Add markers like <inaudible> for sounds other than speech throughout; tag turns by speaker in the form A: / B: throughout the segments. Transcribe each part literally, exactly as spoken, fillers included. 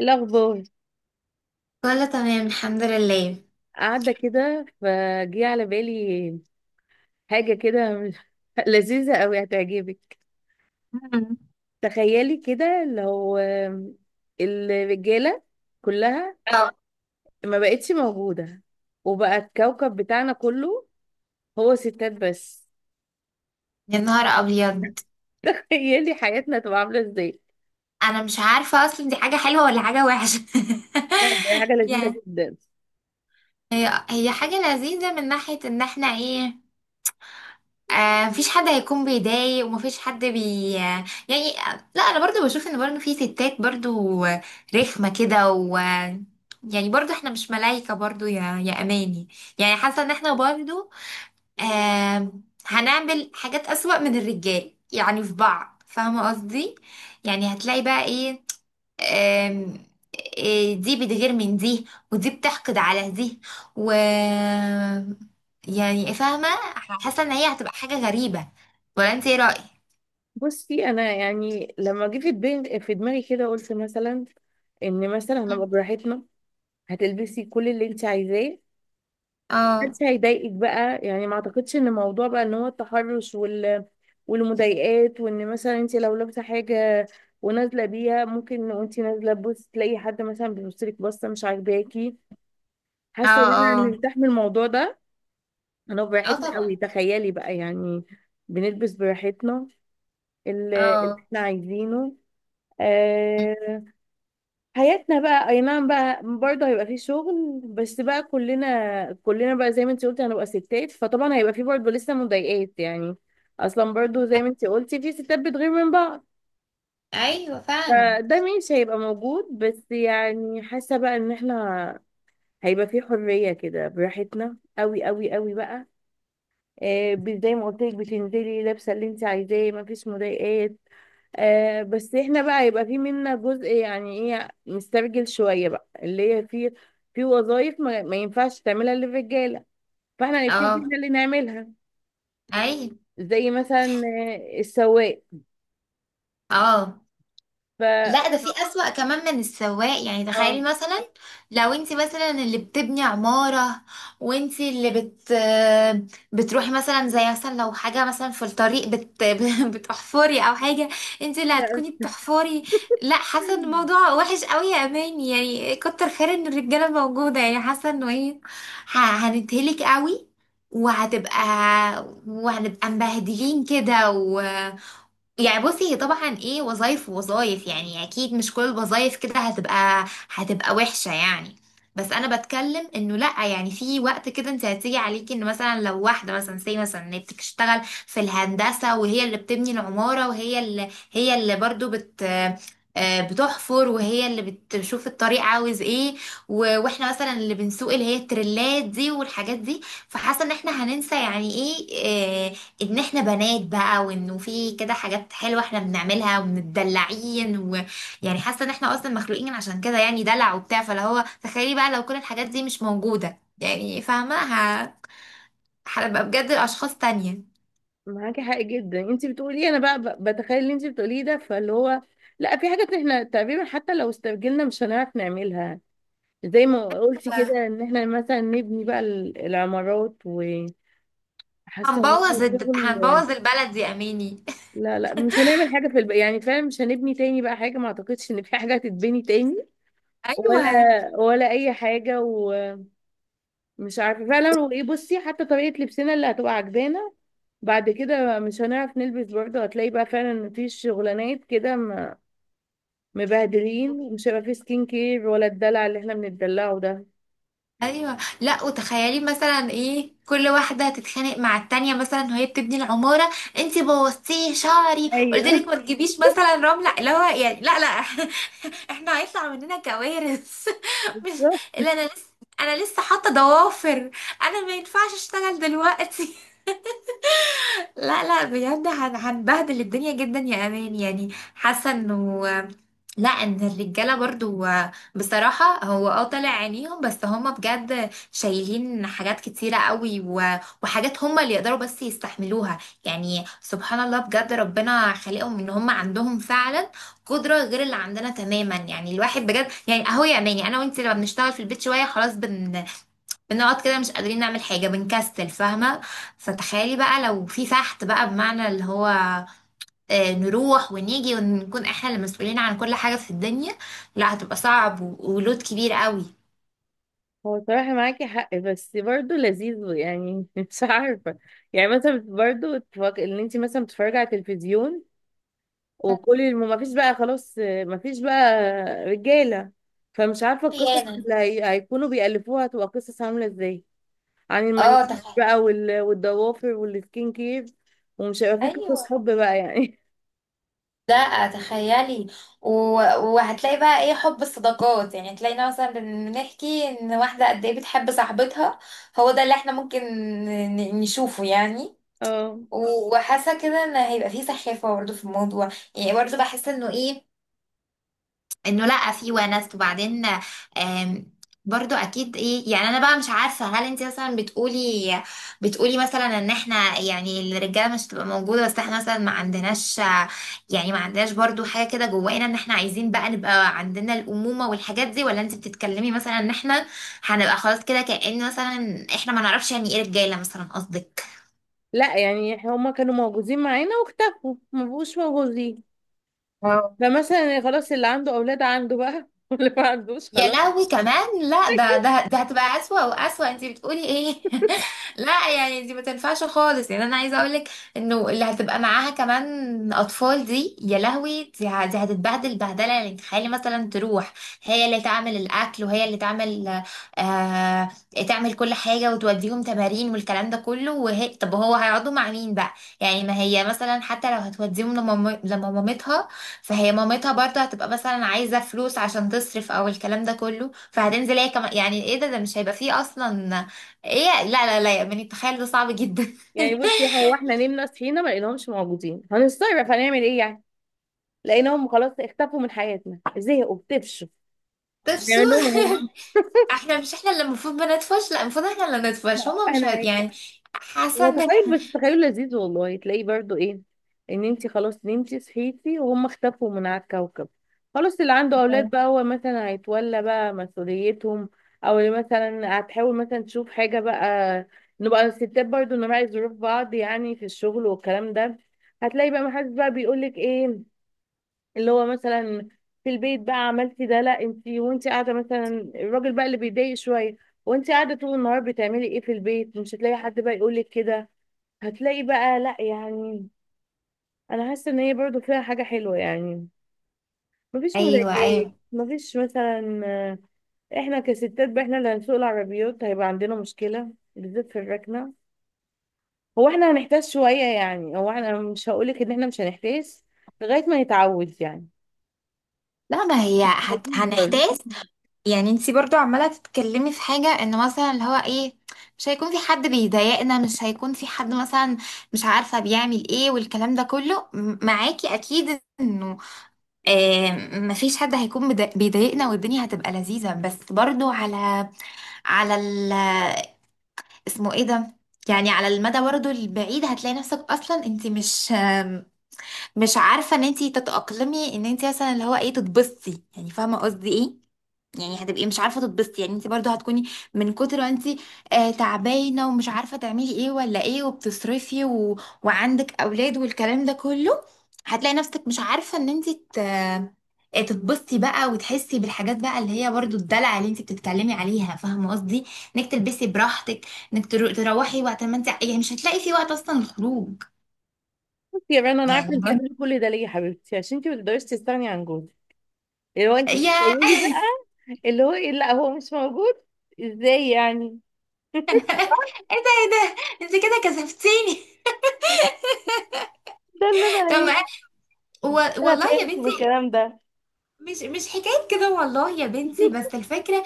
A: الأخبار.
B: كله تمام الحمد لله.
A: قاعدة كده فجي على بالي حاجة كده مش- <laughs> لذيذة أوي هتعجبك.
B: مم.
A: تخيلي كده لو الرجالة كلها
B: أو.
A: ما بقتش موجودة، وبقى الكوكب بتاعنا كله هو ستات بس.
B: يا نهار ابيض.
A: <laughs> تخيلي حياتنا تبقى عاملة ازاي.
B: انا مش عارفه اصلا دي حاجه حلوه ولا حاجه وحشه،
A: لا دي حاجة
B: <laughs>
A: لذيذة
B: يعني.
A: جدا.
B: هي هي حاجه لذيذه من ناحيه ان احنا ايه. آه مفيش حد هيكون بيضايق، ومفيش حد بي آه، يعني آه، لا، انا برضو بشوف ان برضو في ستات برضو آه، رخمه كده، و آه، يعني برضو احنا مش ملايكه برضو يا يا اماني. يعني حاسه ان احنا برضو آم، هنعمل حاجات أسوأ من الرجال، يعني في بعض، فاهمة قصدي. يعني هتلاقي بقى ايه آم، إيه دي بتغير من دي، ودي بتحقد على دي، و يعني فاهمة. حاسة ان هي هتبقى حاجة غريبة، ولا انت ايه رأيك؟
A: بصي أنا يعني لما جه في دماغي في دماغي كده قلت مثلا إن مثلا
B: مم.
A: هنبقى براحتنا. هتلبسي كل اللي انت عايزاه،
B: اه
A: محدش هيضايقك بقى. يعني ما اعتقدش ان موضوع بقى ان هو التحرش وال والمضايقات، وان مثلا انت لو لابسه حاجه ونازله بيها ممكن وانت نازله تبص تلاقي حد مثلا بيبص لك بصه مش عاجباكي.
B: اه.
A: حاسه ان انا
B: اه
A: مرتاح من الموضوع ده. انا
B: اه
A: براحتنا
B: طبعا.
A: قوي، تخيلي بقى يعني. بنلبس براحتنا ال- اللي
B: اه.
A: احنا عايزينه.
B: مم.
A: آه. حياتنا بقى اي نعم بقى برضه هيبقى فيه شغل، بس بقى كلنا كلنا بقى زي ما انت قلتي هنبقى ستات، فطبعا هيبقى فيه برضه لسه مضايقات يعني. اصلا برضه زي ما انت قلتي في ستات بتغير من بعض،
B: ايوه فعلا.
A: فده مش هيبقى موجود. بس يعني حاسه بقى ان احنا هيبقى فيه حريه كده براحتنا قوي قوي قوي بقى. آه، ب- زي ما قلت لك بتنزلي لابسه اللي انت عايزاه، مفيش مضايقات. آه بس احنا بقى يبقى في منا جزء يعني ايه مستعجل شوية بقى، اللي هي في في وظائف ما, ما ينفعش تعملها الا الرجالة، فاحنا هنبتدي
B: اه
A: احنا اللي نعملها.
B: ايوه
A: زي مثلا آه، السواق.
B: اه.
A: ف اه
B: لا ده في أسوأ كمان من السواق، يعني تخيلي
A: <clears throat>
B: مثلا لو انت مثلا اللي بتبني عمارة، وانت اللي بت بتروحي مثلا، زي مثلا لو حاجة مثلا في الطريق بت <laughs> بتحفري او حاجة. انت اللي
A: لا،
B: هتكوني بتحفري. لا حاسة ان الموضوع وحش قوي يا اماني، يعني كتر خير ان الرجالة موجودة، يعني حاسة انه ايه، ه- هنتهلك قوي، وهتبقى وهنبقى مبهدلين كده. يعني بصي هي طبعا ايه وظايف ووظايف، يعني اكيد مش كل الوظايف كده هتبقى هتبقى وحشة يعني. بس انا بتكلم انه لا، يعني في وقت كده انت هتيجي عليكي ان مثلا لو واحدة مثلا، سي مثلا، إن هي بتشتغل في الهندسة، وهي اللي بتبني العمارة، وهي اللي هي اللي برضو بت آه، بتحفر، وهي اللي بتشوف الطريق عاوز ايه، و- واحنا مثلا اللي بنسوق، اللي هي التريلات دي والحاجات دي. فحاسه ان احنا هننسى يعني ايه، آه، ان احنا بنات بقى، وانه في كده حاجات حلوه احنا بنعملها ومتدلعين، ويعني حاسه ان احنا اصلا مخلوقين عشان كده، يعني دلع وبتاع، فاللي هو تخيلي بقى لو كل الحاجات دي مش موجوده، يعني فاهمه ه- هنبقى بجد اشخاص تانية.
A: معاكي حق جدا انت بتقولي. انا بقى ب- بتخيل اللي انت بتقوليه ده، فاللي هو لا في حاجات احنا تقريبا حتى لو استعجلنا مش هنعرف نعملها. زي ما قلتي كده
B: ف-
A: ان احنا مثلا نبني بقى ال- العمارات، وحاسه ان هو
B: هنبوظ الد...
A: شغل.
B: هنبوظ البلد يا اميني.
A: لا لا مش هنعمل حاجة في الب... يعني فعلا مش هنبني تاني بقى حاجة، ما اعتقدش ان في حاجة هتتبني تاني.
B: <laughs>
A: ولا
B: ايوه
A: ولا اي حاجة. ومش عارفة فعلا. وايه بصي حتى طريقة لبسنا اللي هتبقى عجبانا بعد كده مش هنعرف نلبس برضه. هتلاقي بقى فعلا ان في شغلانات كده م- مبهدلين، مش هيبقى في سكين كير ولا الدلع اللي احنا بنتدلعه ده.
B: ايوه. لا وتخيلي مثلا ايه كل واحده تتخانق مع التانية، مثلا وهي بتبني العماره: انتي بوظتيه شعري، قلت لك
A: ايوه
B: ما تجيبيش مثلا رمله اللي هو، يعني لا لا <laughs> احنا هيطلع مننا كوارث <laughs> مش
A: بالظبط.
B: اللي انا لسه انا لسه حاطه ضوافر. انا ما ينفعش اشتغل دلوقتي. لا لا بجد هن- هنبهدل الدنيا جدا يا امان يعني. حاسه انه، لا ان الرجاله برضو بصراحه، هو اه طالع عينيهم، بس هما بجد شايلين حاجات كتيره قوي، و- وحاجات هما اللي يقدروا بس يستحملوها. يعني سبحان الله، بجد ربنا خلقهم ان هما عندهم فعلا قدره غير اللي عندنا تماما. يعني الواحد بجد، يعني اهو يا اماني، انا وانت لما بنشتغل في البيت شويه خلاص بن بنقعد كده مش قادرين نعمل حاجة، بنكسل، فاهمة. فتخيلي بقى لو في فحت بقى، بمعنى اللي هو آه، نروح ونيجي، ونكون احنا اللي مسؤولين عن كل حاجة في الدنيا. لا هتبقى صعب، و- ولود كبير قوي.
A: هو صراحة معاكي حق بس برضه لذيذ يعني. <laughs> مش عارفة يعني مثلا برضه تفك... ان انت مثلا بتتفرجي على التلفزيون وكل الم... ما فيش بقى خلاص، ما فيش بقى رجاله، فمش عارفه القصص
B: خيانة.
A: اللي هي... هيكونوا بيألفوها هتبقى قصص عامله ازاي. عن
B: اه
A: المانيكير
B: تخيل.
A: بقى وال... والضوافر والسكين كير، ومش هيبقى في
B: ايوه
A: قصص حب بقى يعني.
B: لا تخيلي، و... وهتلاقي بقى ايه حب الصداقات، يعني تلاقينا مثلا بن- بنحكي ان واحدة قد ايه بتحب صاحبتها. هو ده اللي احنا ممكن ن- نشوفه يعني.
A: <laughs> اه.
B: و- وحاسه كده ان هيبقى فيه سخافه برضه في الموضوع، يعني برضه بحس انه ايه، انه لا في ونس، وبعدين آم، برضو اكيد ايه. يعني انا بقى مش عارفه، هل انت مثلا بتقولي بتقولي مثلا ان احنا يعني الرجاله مش هتبقى موجوده، بس احنا مثلا ما عندناش، يعني ما عندناش برضو حاجه كده جوانا ان احنا عايزين بقى نبقى عندنا الامومه والحاجات دي، ولا انت بتتكلمي مثلا ان احنا هنبقى خلاص كده كأن مثلا احنا ما نعرفش يعني ايه رجاله مثلا قصدك؟
A: لا يعني هما كانوا موجودين معانا واختفوا، ما بقوش موجودين. فمثلا خلاص اللي عنده اولاد عنده بقى. <laughs> واللي ما عندوش
B: يا
A: خلاص.
B: لهوي كمان، لا ده ده ده هتبقى أسوأ وأسوأ، انت بتقولي ايه؟ <laughs> لا يعني دي ما تنفعش خالص، يعني انا عايزه اقولك انه اللي هتبقى معاها كمان اطفال دي يا لهوي، دي, ه- دي هتتبهدل بهدله، يعني تخيلي مثلا تروح هي اللي تعمل الاكل، وهي اللي تعمل آه تعمل كل حاجه، وتوديهم تمارين والكلام ده كله، وهي طب هو هيقعدوا مع مين بقى؟ يعني ما هي مثلا حتى لو هتوديهم لمام- لمامتها، فهي مامتها برضه هتبقى مثلا عايزة فلوس عشان تصرف او الكلام ده كله، فهتنزل هي كمان، يعني ايه، ده ده مش هيبقى فيه اصلا. ايه لا لا لا، يعني تخيل ده صعب جدا <laughs>
A: يعني بصي هو احنا نمنا صحينا ما لقيناهمش موجودين، هنستغرب، هنعمل ايه يعني. لقيناهم خلاص اختفوا من حياتنا، زهقوا بتفشوا،
B: طب شو
A: هنعملهم ايه.
B: <laughs> احنا مش احنا اللي المفروض بندفش، لا المفروض احنا اللي
A: لا
B: ندفش، هما مش
A: احنا
B: هت...
A: يعني
B: يعني.
A: هو
B: حسن.
A: تخيل، بس تخيل لذيذ والله، تلاقيه برضو ايه. ان انت خلاص نمتي صحيتي وهم اختفوا من على الكوكب، خلاص اللي عنده اولاد بقى هو مثلا هيتولى بقى مسؤوليتهم، او اللي مثلا هتحاول مثلا تشوف حاجة بقى. نبقى الستات برضو نراعي ظروف بعض يعني في الشغل والكلام ده. هتلاقي بقى محدش بقى بيقولك ايه اللي هو مثلا في البيت بقى عملتي ده، لا انت وانت قاعده مثلا، الراجل بقى اللي بيتضايق شويه وانت قاعده طول النهار بتعملي ايه في البيت. مش هتلاقي حد بقى يقولك كده. هتلاقي بقى لا يعني. انا حاسه ان هي برضو فيها حاجه حلوه يعني. مفيش
B: ايوه
A: مضايقات،
B: ايوه.
A: مفيش مثلا آه، احنا كستات بقى احنا اللي هنسوق العربيات. هيبقى عندنا مشكله بالذات في الركنه، هو احنا هنحتاج شويه يعني، هو احنا مش هقولك ان احنا مش هنحتاج لغايه ما نتعود يعني.
B: لا ما هي هت...
A: لذيذ برضه.
B: هنحتاج، يعني انتي برضو عمالة تتكلمي في حاجة ان مثلا اللي هو ايه، مش هيكون في حد بيضايقنا، مش هيكون في حد مثلا مش عارفة بيعمل ايه والكلام ده كله، م- معاكي اكيد انه آه مفيش حد هيكون بدا- بيضايقنا، والدنيا هتبقى لذيذة. بس برضو على على ال اسمه ايه ده، يعني على المدى برضو البعيد هتلاقي نفسك اصلا انتي مش آم، مش عارفة ان انتي تتأقلمي ان انتي مثلا اللي هو ايه تتبسطي، يعني فاهمة قصدي ايه. يعني هتبقي مش عارفه تتبسطي، يعني انت برضو هتكوني من كتر ما انت آه تعبانه ومش عارفه تعملي ايه ولا ايه، وبتصرفي، و... وعندك اولاد والكلام ده كله. هتلاقي نفسك مش عارفه ان انت ت... آه، تتبسطي بقى، وتحسي بالحاجات بقى اللي هي برضو الدلع اللي انت بتتكلمي عليها، فاهمه قصدي؟ انك تلبسي براحتك، انك ترو... تروحي وقت ما انت، يعني مش هتلاقي في وقت اصلا الخروج.
A: بصي يا رنا انا
B: يعني
A: عارفه
B: <laughs>
A: انت بتقولي
B: برضو
A: كل ده ليه يا حبيبتي، عشان انت ما تقدريش تستغني عن جوزك. اللي هو انت
B: يا،
A: بتتخيلي بقى اللي هو ايه لا هو مش موجود، ازاي يعني. <laughs>
B: ايه ده ايه ده، انت كده كسفتيني.
A: ده اللي
B: <laughs>
A: انا
B: طب
A: ايه،
B: ما- و...
A: ده اللي انا
B: والله يا
A: فهمته من
B: بنتي،
A: الكلام ده.
B: مش مش حكاية كده والله يا بنتي،
A: <laughs>
B: بس الفكرة.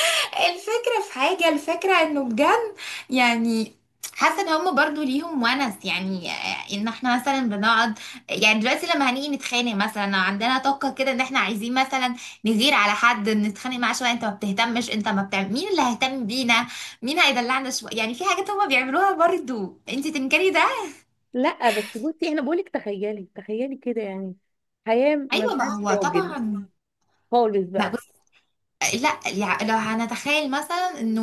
B: <laughs> الفكرة في حاجة، الفكرة انه بجد، يعني حاسة ان هم برضو ليهم ونس، يعني آه، ان احنا مثلا بنقعد. يعني دلوقتي لما هنيجي نتخانق مثلا لو عندنا طاقة كده ان احنا عايزين مثلا نغير على حد، نتخانق معاه شوية، انت ما بتهتمش، انت ما بتعمل، مين اللي هيهتم بينا؟ مين هيدلعنا شوية؟ يعني في حاجات هم بيعملوها برضو، انت تنكري ده.
A: لا بس بصي انا بقولك تخيلي، تخيلي كده يعني حياه ما
B: ايوه ما
A: فيهاش
B: هو
A: راجل
B: طبعا.
A: خالص
B: ما
A: بقى.
B: لا يع- لو هنتخيل مثلا انه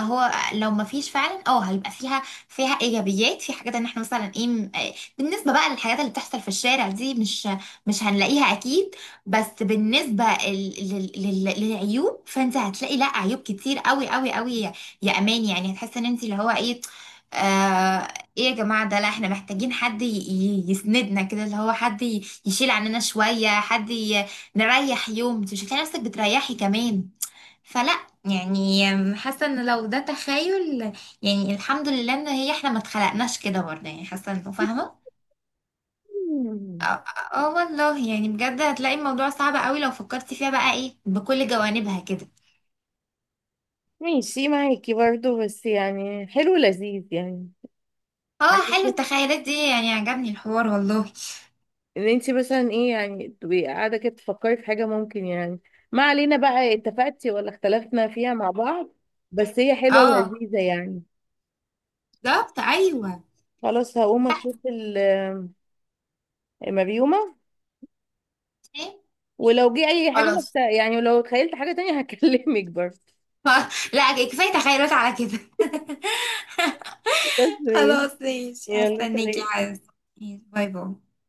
B: هو لو ما فيش فعلا، اه هيبقى فيها فيها ايجابيات في حاجات، ان احنا مثلا ايه م- آه، بالنسبه بقى للحاجات اللي بتحصل في الشارع دي، مش مش هنلاقيها اكيد. بس بالنسبه ال- لل- لل- للعيوب، فانت هتلاقي لا عيوب كتير قوي قوي قوي، يا يا امان يعني. هتحس ان انت اللي هو ايه آه ايه يا جماعه ده، لا احنا محتاجين حد ي- ي- يسندنا كده، اللي هو حد ي- يشيل عننا شويه، حد نريح يوم، انت مش هتلاقي نفسك بتريحي كمان. فلا يعني، حاسه ان لو ده تخيل، يعني الحمد لله ان هي احنا ما اتخلقناش كده برضه، يعني حاسه انه، فاهمه. اه.
A: مم.
B: آه والله، يعني بجد هتلاقي الموضوع صعب قوي لو فكرتي فيها بقى ايه بكل جوانبها كده.
A: ماشي معاكي برضو، بس يعني حلو لذيذ يعني
B: اه
A: حاجة
B: حلو التخيلات دي، يعني عجبني الحوار والله.
A: ان انت مثلا ايه يعني تبقي قاعده كده تفكري في حاجه ممكن يعني. ما علينا بقى اتفقتي ولا اختلفنا فيها مع بعض، بس هي حلوه
B: اه
A: ولذيذه يعني.
B: بالظبط ايوه.
A: خلاص هقوم
B: لا.
A: اشوف ال- المريومه.
B: إيه؟
A: ولو جه اي حاجه بقى
B: خلاص.
A: بتاع- يعني ولو تخيلت حاجه تانية <laughs> هكلمك برضه.
B: <laughs> لا كفايه تخيلات على كده <laughs>
A: بس ماشي.
B: خلاص ماشي
A: يلا
B: هستناكي
A: سلام.
B: عايز. باي باي.